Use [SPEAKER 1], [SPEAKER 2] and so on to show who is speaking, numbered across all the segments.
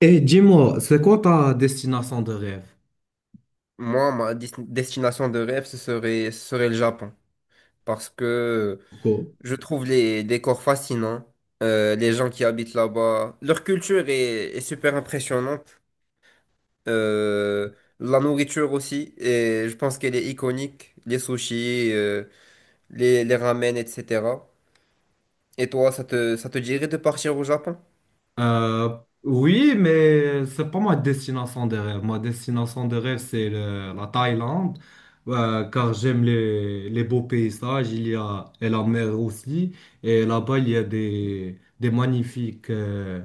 [SPEAKER 1] Et dis-moi, c'est quoi ta destination de rêve?
[SPEAKER 2] Moi, destination de rêve, ce serait le Japon. Parce que
[SPEAKER 1] Coco.
[SPEAKER 2] je trouve les décors fascinants, les gens qui habitent là-bas. Leur culture est super impressionnante. euh, la nourriture aussi. Et je pense qu'elle est iconique. Les sushis, les ramen, etc. Et toi, ça te dirait de partir au Japon?
[SPEAKER 1] Euh, oui, mais c'est pas ma destination de rêve. Ma destination de rêve, c'est la Thaïlande, car j'aime les beaux paysages. Il y a et la mer aussi. Et là-bas, il y a des magnifiques euh,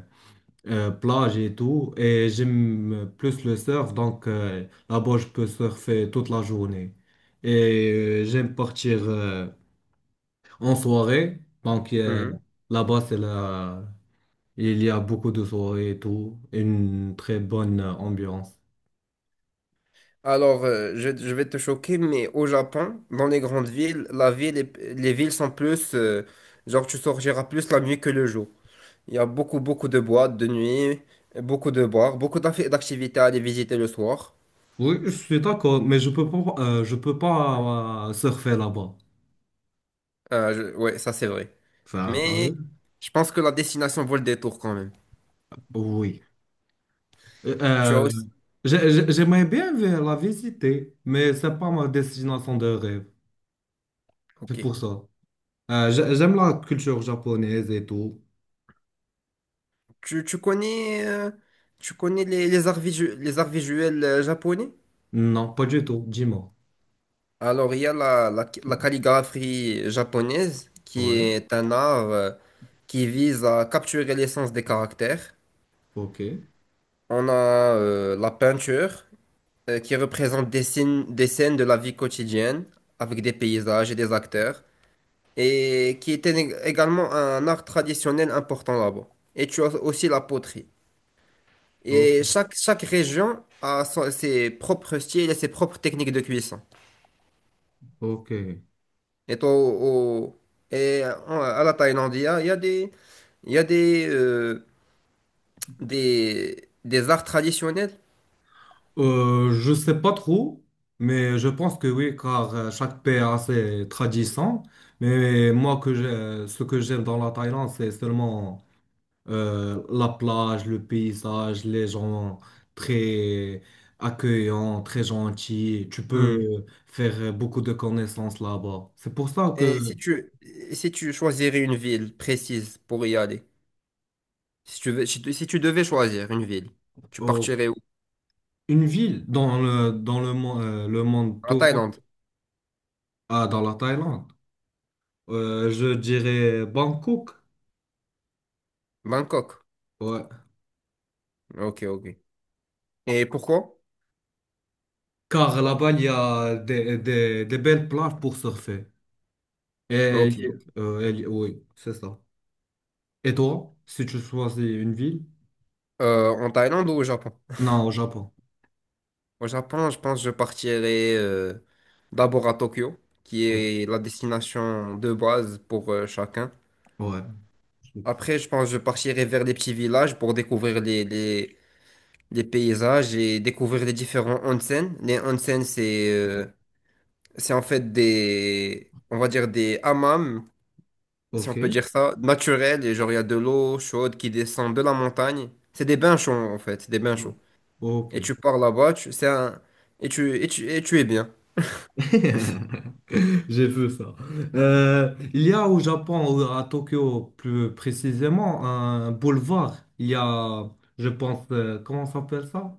[SPEAKER 1] euh, plages et tout. Et j'aime plus le surf, donc là-bas, je peux surfer toute la journée. Et j'aime partir en soirée. Donc là-bas, c'est là, il y a beaucoup de soirées et tout, une très bonne ambiance.
[SPEAKER 2] Alors, je vais te choquer, mais au Japon, dans les grandes villes, les villes sont plus, genre tu sortiras plus la nuit que le jour. Il y a beaucoup de boîtes de nuit, beaucoup de bars, beaucoup d'activités à aller visiter le soir.
[SPEAKER 1] Oui, je suis d'accord, mais je peux pas surfer là-bas.
[SPEAKER 2] Ouais, ça c'est vrai.
[SPEAKER 1] Ça, t'as
[SPEAKER 2] Mais
[SPEAKER 1] vu?
[SPEAKER 2] je pense que la destination vaut le détour quand même.
[SPEAKER 1] Oui. Euh,
[SPEAKER 2] Tu as
[SPEAKER 1] euh,
[SPEAKER 2] aussi...
[SPEAKER 1] j'aimerais bien la visiter, mais c'est pas ma destination de rêve. C'est
[SPEAKER 2] Ok.
[SPEAKER 1] pour ça. J'aime la culture japonaise et tout.
[SPEAKER 2] Tu connais, tu connais les, les arts visuels japonais?
[SPEAKER 1] Non, pas du tout. Dis-moi.
[SPEAKER 2] Alors, il y a la calligraphie japonaise, qui
[SPEAKER 1] Ouais.
[SPEAKER 2] est un art qui vise à capturer l'essence des caractères.
[SPEAKER 1] Ok.
[SPEAKER 2] On a la peinture, qui représente des scènes de la vie quotidienne, avec des paysages et des acteurs, et qui était également un art traditionnel important là-bas. Et tu as aussi la poterie.
[SPEAKER 1] O-
[SPEAKER 2] Et chaque région a ses propres styles et ses propres techniques de cuisson.
[SPEAKER 1] ok.
[SPEAKER 2] Et, au- au- à la Thaïlande, il y a il y a des, des arts traditionnels.
[SPEAKER 1] Je sais pas trop, mais je pense que oui, car chaque pays a ses traditions. Mais moi, ce que j'aime dans la Thaïlande, c'est seulement la plage, le paysage, les gens très accueillants, très gentils. Tu
[SPEAKER 2] Hmm.
[SPEAKER 1] peux faire beaucoup de connaissances là-bas. C'est pour ça que
[SPEAKER 2] Et si tu choisirais une ville précise pour y aller, si tu, si tu devais choisir une ville, tu
[SPEAKER 1] euh,
[SPEAKER 2] partirais où?
[SPEAKER 1] une ville dans dans le, le monde
[SPEAKER 2] En
[SPEAKER 1] tout,
[SPEAKER 2] Thaïlande,
[SPEAKER 1] ah, dans la Thaïlande, je dirais Bangkok.
[SPEAKER 2] Bangkok.
[SPEAKER 1] Ouais.
[SPEAKER 2] Ok, ok. Et pourquoi?
[SPEAKER 1] Car là-bas, il y a des belles plages pour surfer. Et,
[SPEAKER 2] Ok.
[SPEAKER 1] il oui, c'est ça. Et toi, si tu choisis une ville?
[SPEAKER 2] En Thaïlande ou au Japon?
[SPEAKER 1] Non, au Japon.
[SPEAKER 2] Au Japon, je pense que je partirais d'abord à Tokyo, qui est la destination de base pour chacun.
[SPEAKER 1] Ouais.
[SPEAKER 2] Après, je pense que je partirai vers les petits villages pour découvrir les paysages et découvrir les différents onsen. Les onsen, c'est en fait des, on va dire des hammams, si on
[SPEAKER 1] Ok.
[SPEAKER 2] peut dire ça, naturels. Et genre, il y a de l'eau chaude qui descend de la montagne. C'est des bains chauds, en fait. C'est des bains chauds.
[SPEAKER 1] Ok.
[SPEAKER 2] Et tu pars là-bas, tu, c'est un, et tu es bien.
[SPEAKER 1] J'ai vu ça. Il y a au Japon, à Tokyo plus précisément, un boulevard. Il y a, je pense, comment ça s'appelle ça?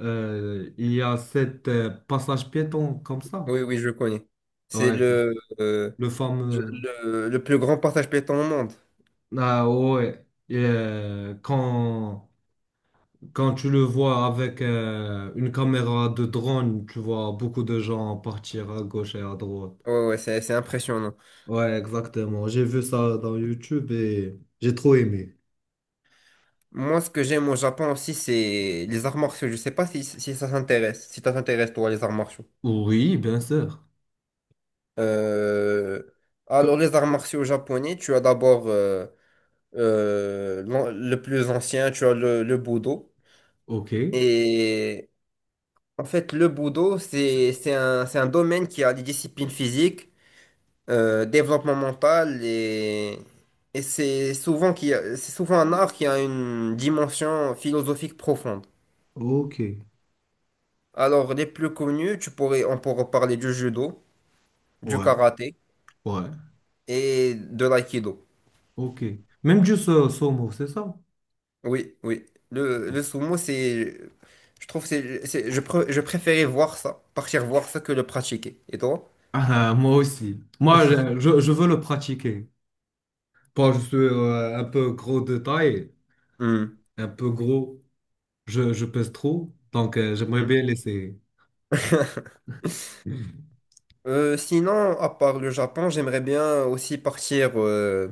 [SPEAKER 1] Il y a cet passage piéton comme ça.
[SPEAKER 2] Oui, oui, je connais. C'est
[SPEAKER 1] Ouais,
[SPEAKER 2] le, euh,
[SPEAKER 1] le fameux.
[SPEAKER 2] le plus grand partage pétant au monde.
[SPEAKER 1] Ah ouais. Et, quand tu le vois avec une caméra de drone, tu vois beaucoup de gens partir à gauche et à droite.
[SPEAKER 2] Ouais, ouais, c'est impressionnant.
[SPEAKER 1] Ouais, exactement. J'ai vu ça dans YouTube et j'ai trop aimé.
[SPEAKER 2] Moi, ce que j'aime au Japon aussi, c'est les arts martiaux. Je sais pas si ça t'intéresse. Si ça t'intéresse, toi, les arts martiaux.
[SPEAKER 1] Oui, bien sûr.
[SPEAKER 2] Euh, Alors,
[SPEAKER 1] Co-
[SPEAKER 2] les arts martiaux japonais, tu as d'abord le plus ancien, tu as le Budo.
[SPEAKER 1] Ok.
[SPEAKER 2] Et en fait, le Budo, c'est un domaine qui a des disciplines physiques, développement mental, et c'est c'est souvent un art qui a une dimension philosophique profonde.
[SPEAKER 1] Ok.
[SPEAKER 2] Alors, les plus connus, on pourrait parler du judo, du
[SPEAKER 1] Ouais,
[SPEAKER 2] karaté
[SPEAKER 1] ouais.
[SPEAKER 2] et de l'aïkido.
[SPEAKER 1] Ok. Même du sumo, c'est ça?
[SPEAKER 2] Oui, oui. Le sumo, c'est, je trouve, que c'est- je, pr- je préférais voir ça, partir voir ça que le pratiquer. Et toi?
[SPEAKER 1] Ah, moi aussi. Moi, je veux le pratiquer. Quand je suis un peu gros de taille,
[SPEAKER 2] Hmm.
[SPEAKER 1] un peu gros. Je pèse trop, donc j'aimerais
[SPEAKER 2] Hmm.
[SPEAKER 1] bien laisser.
[SPEAKER 2] Sinon, à part le Japon,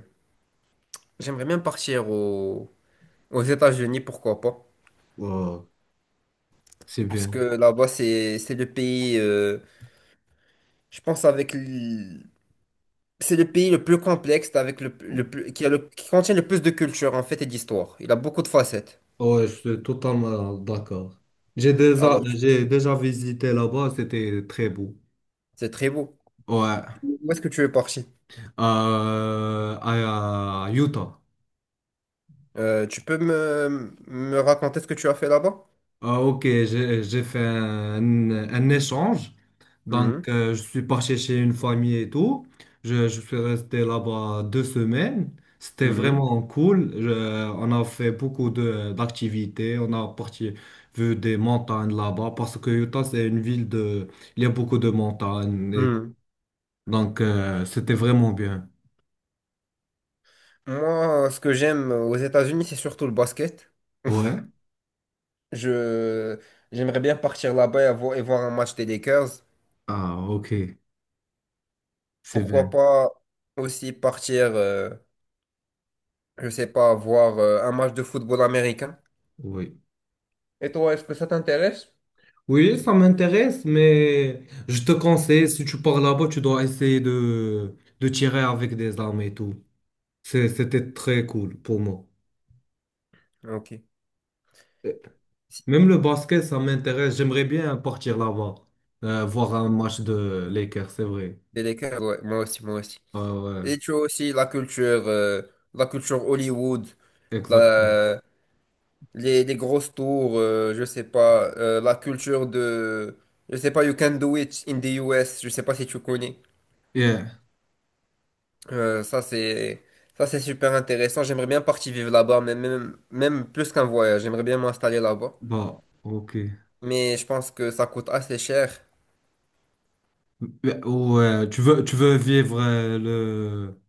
[SPEAKER 2] j'aimerais bien partir aux États-Unis, pourquoi pas?
[SPEAKER 1] Ouais. C'est
[SPEAKER 2] Parce
[SPEAKER 1] bien.
[SPEAKER 2] que là-bas, c'est le pays, je pense, c'est le pays le plus complexe avec le plus, qui a le, qui contient le plus de culture en fait et d'histoire. Il a beaucoup de facettes.
[SPEAKER 1] Ouais, je suis totalement d'accord.
[SPEAKER 2] Alors, tu-
[SPEAKER 1] J'ai déjà visité là-bas, c'était très beau.
[SPEAKER 2] c'est très beau.
[SPEAKER 1] Ouais.
[SPEAKER 2] Où est-ce que tu es parti?
[SPEAKER 1] À Utah.
[SPEAKER 2] Tu peux me raconter ce que tu as fait là-bas?
[SPEAKER 1] Ah, ok, j'ai fait un échange. Donc,
[SPEAKER 2] Mhm,
[SPEAKER 1] je suis parti chez une famille et tout. Je suis resté là-bas deux semaines. C'était
[SPEAKER 2] mhm,
[SPEAKER 1] vraiment cool. Je- on a fait beaucoup de d'activités. On a parti vu des montagnes là-bas parce que Utah, c'est une ville de... Il y a beaucoup de montagnes. Et-
[SPEAKER 2] mhm.
[SPEAKER 1] donc, c'était vraiment bien.
[SPEAKER 2] Moi, ce que j'aime aux États-Unis, c'est surtout le basket.
[SPEAKER 1] Ouais.
[SPEAKER 2] Je, j'aimerais bien partir là-bas et, et voir un match des Lakers.
[SPEAKER 1] Ah, ok. C'est bien.
[SPEAKER 2] Pourquoi pas aussi partir, je sais pas, voir un match de football américain.
[SPEAKER 1] Oui.
[SPEAKER 2] Et toi, est-ce que ça t'intéresse?
[SPEAKER 1] Oui, ça m'intéresse, mais je te conseille, si tu pars là-bas, tu dois essayer de tirer avec des armes et tout. C'est- c'était très cool pour moi.
[SPEAKER 2] Ok. Si,
[SPEAKER 1] Même le basket, ça m'intéresse. J'aimerais bien partir là-bas, voir un match de Lakers, c'est vrai.
[SPEAKER 2] des Lakers, ouais, moi aussi, moi aussi.
[SPEAKER 1] Ah ouais,
[SPEAKER 2] Et tu as aussi la culture Hollywood,
[SPEAKER 1] exactement.
[SPEAKER 2] la- les grosses tours, je sais pas, la culture de, je sais pas, You Can Do It in the US, je sais pas si tu connais.
[SPEAKER 1] Yeah,
[SPEAKER 2] Euh, ça c'est, Ça c'est super intéressant. J'aimerais bien partir vivre là-bas, mais même plus qu'un voyage, j'aimerais bien m'installer là-bas.
[SPEAKER 1] bah, ok.
[SPEAKER 2] Mais je pense que ça coûte assez cher.
[SPEAKER 1] Ouais, ouais, tu veux vivre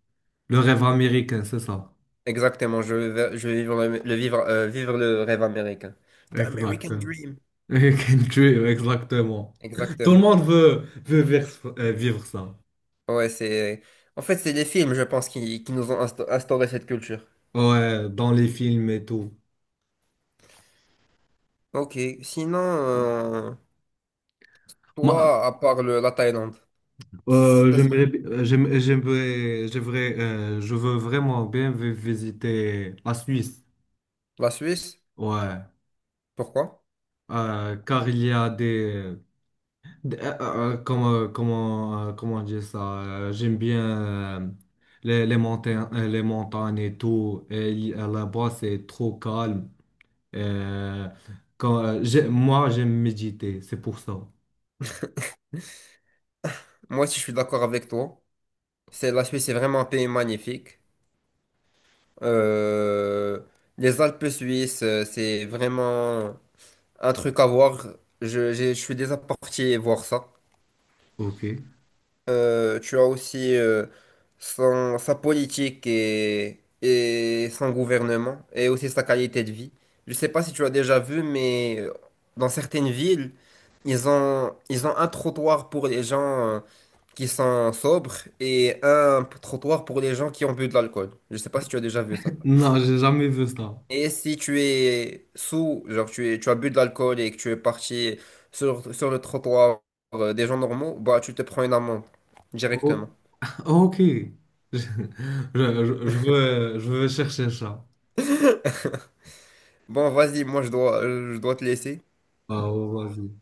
[SPEAKER 1] le rêve américain, c'est ça?
[SPEAKER 2] Exactement, je vais vivre le vivre, vivre le rêve américain. The
[SPEAKER 1] Exact.
[SPEAKER 2] American Dream.
[SPEAKER 1] Can Tuer, exactement. Tout le
[SPEAKER 2] Exactement.
[SPEAKER 1] monde veut vivre ça.
[SPEAKER 2] Ouais, c'est... En fait, c'est des films, je pense, qui nous ont instauré cette culture.
[SPEAKER 1] Ouais, dans les films et tout.
[SPEAKER 2] Ok, sinon,
[SPEAKER 1] Moi,
[SPEAKER 2] toi, à part la Thaïlande, c'était ça.
[SPEAKER 1] je veux vraiment bien visiter la Suisse.
[SPEAKER 2] La Suisse,
[SPEAKER 1] Ouais.
[SPEAKER 2] pourquoi?
[SPEAKER 1] Car il y a comment dire ça? J'aime bien euh, les montagnes, les montagnes et tout. Et il- là-bas, c'est trop calme. Euh, moi, j'aime méditer, c'est pour ça.
[SPEAKER 2] Moi aussi, je suis d'accord avec toi. La Suisse est vraiment un pays magnifique. Euh, les Alpes suisses, c'est vraiment un truc à voir. Je suis déjà parti voir ça.
[SPEAKER 1] Ok.
[SPEAKER 2] Tu as aussi sa politique et son gouvernement et aussi sa qualité de vie. Je ne sais pas si tu as déjà vu, mais dans certaines villes, ils ont un trottoir pour les gens euh, qui sont sobres et trottoir pour les gens qui ont bu de l'alcool. Je ne sais pas si tu as déjà vu ça.
[SPEAKER 1] Non, j'ai jamais vu ça.
[SPEAKER 2] Et si tu es sous, tu as bu de l'alcool et que tu es parti sur le trottoir des gens normaux, bah tu te prends une amende
[SPEAKER 1] Oh,
[SPEAKER 2] directement.
[SPEAKER 1] oh, ok. Je, je veux chercher ça.
[SPEAKER 2] Bon, vas-y, moi je dois te laisser.
[SPEAKER 1] Ah, oh, vas-y.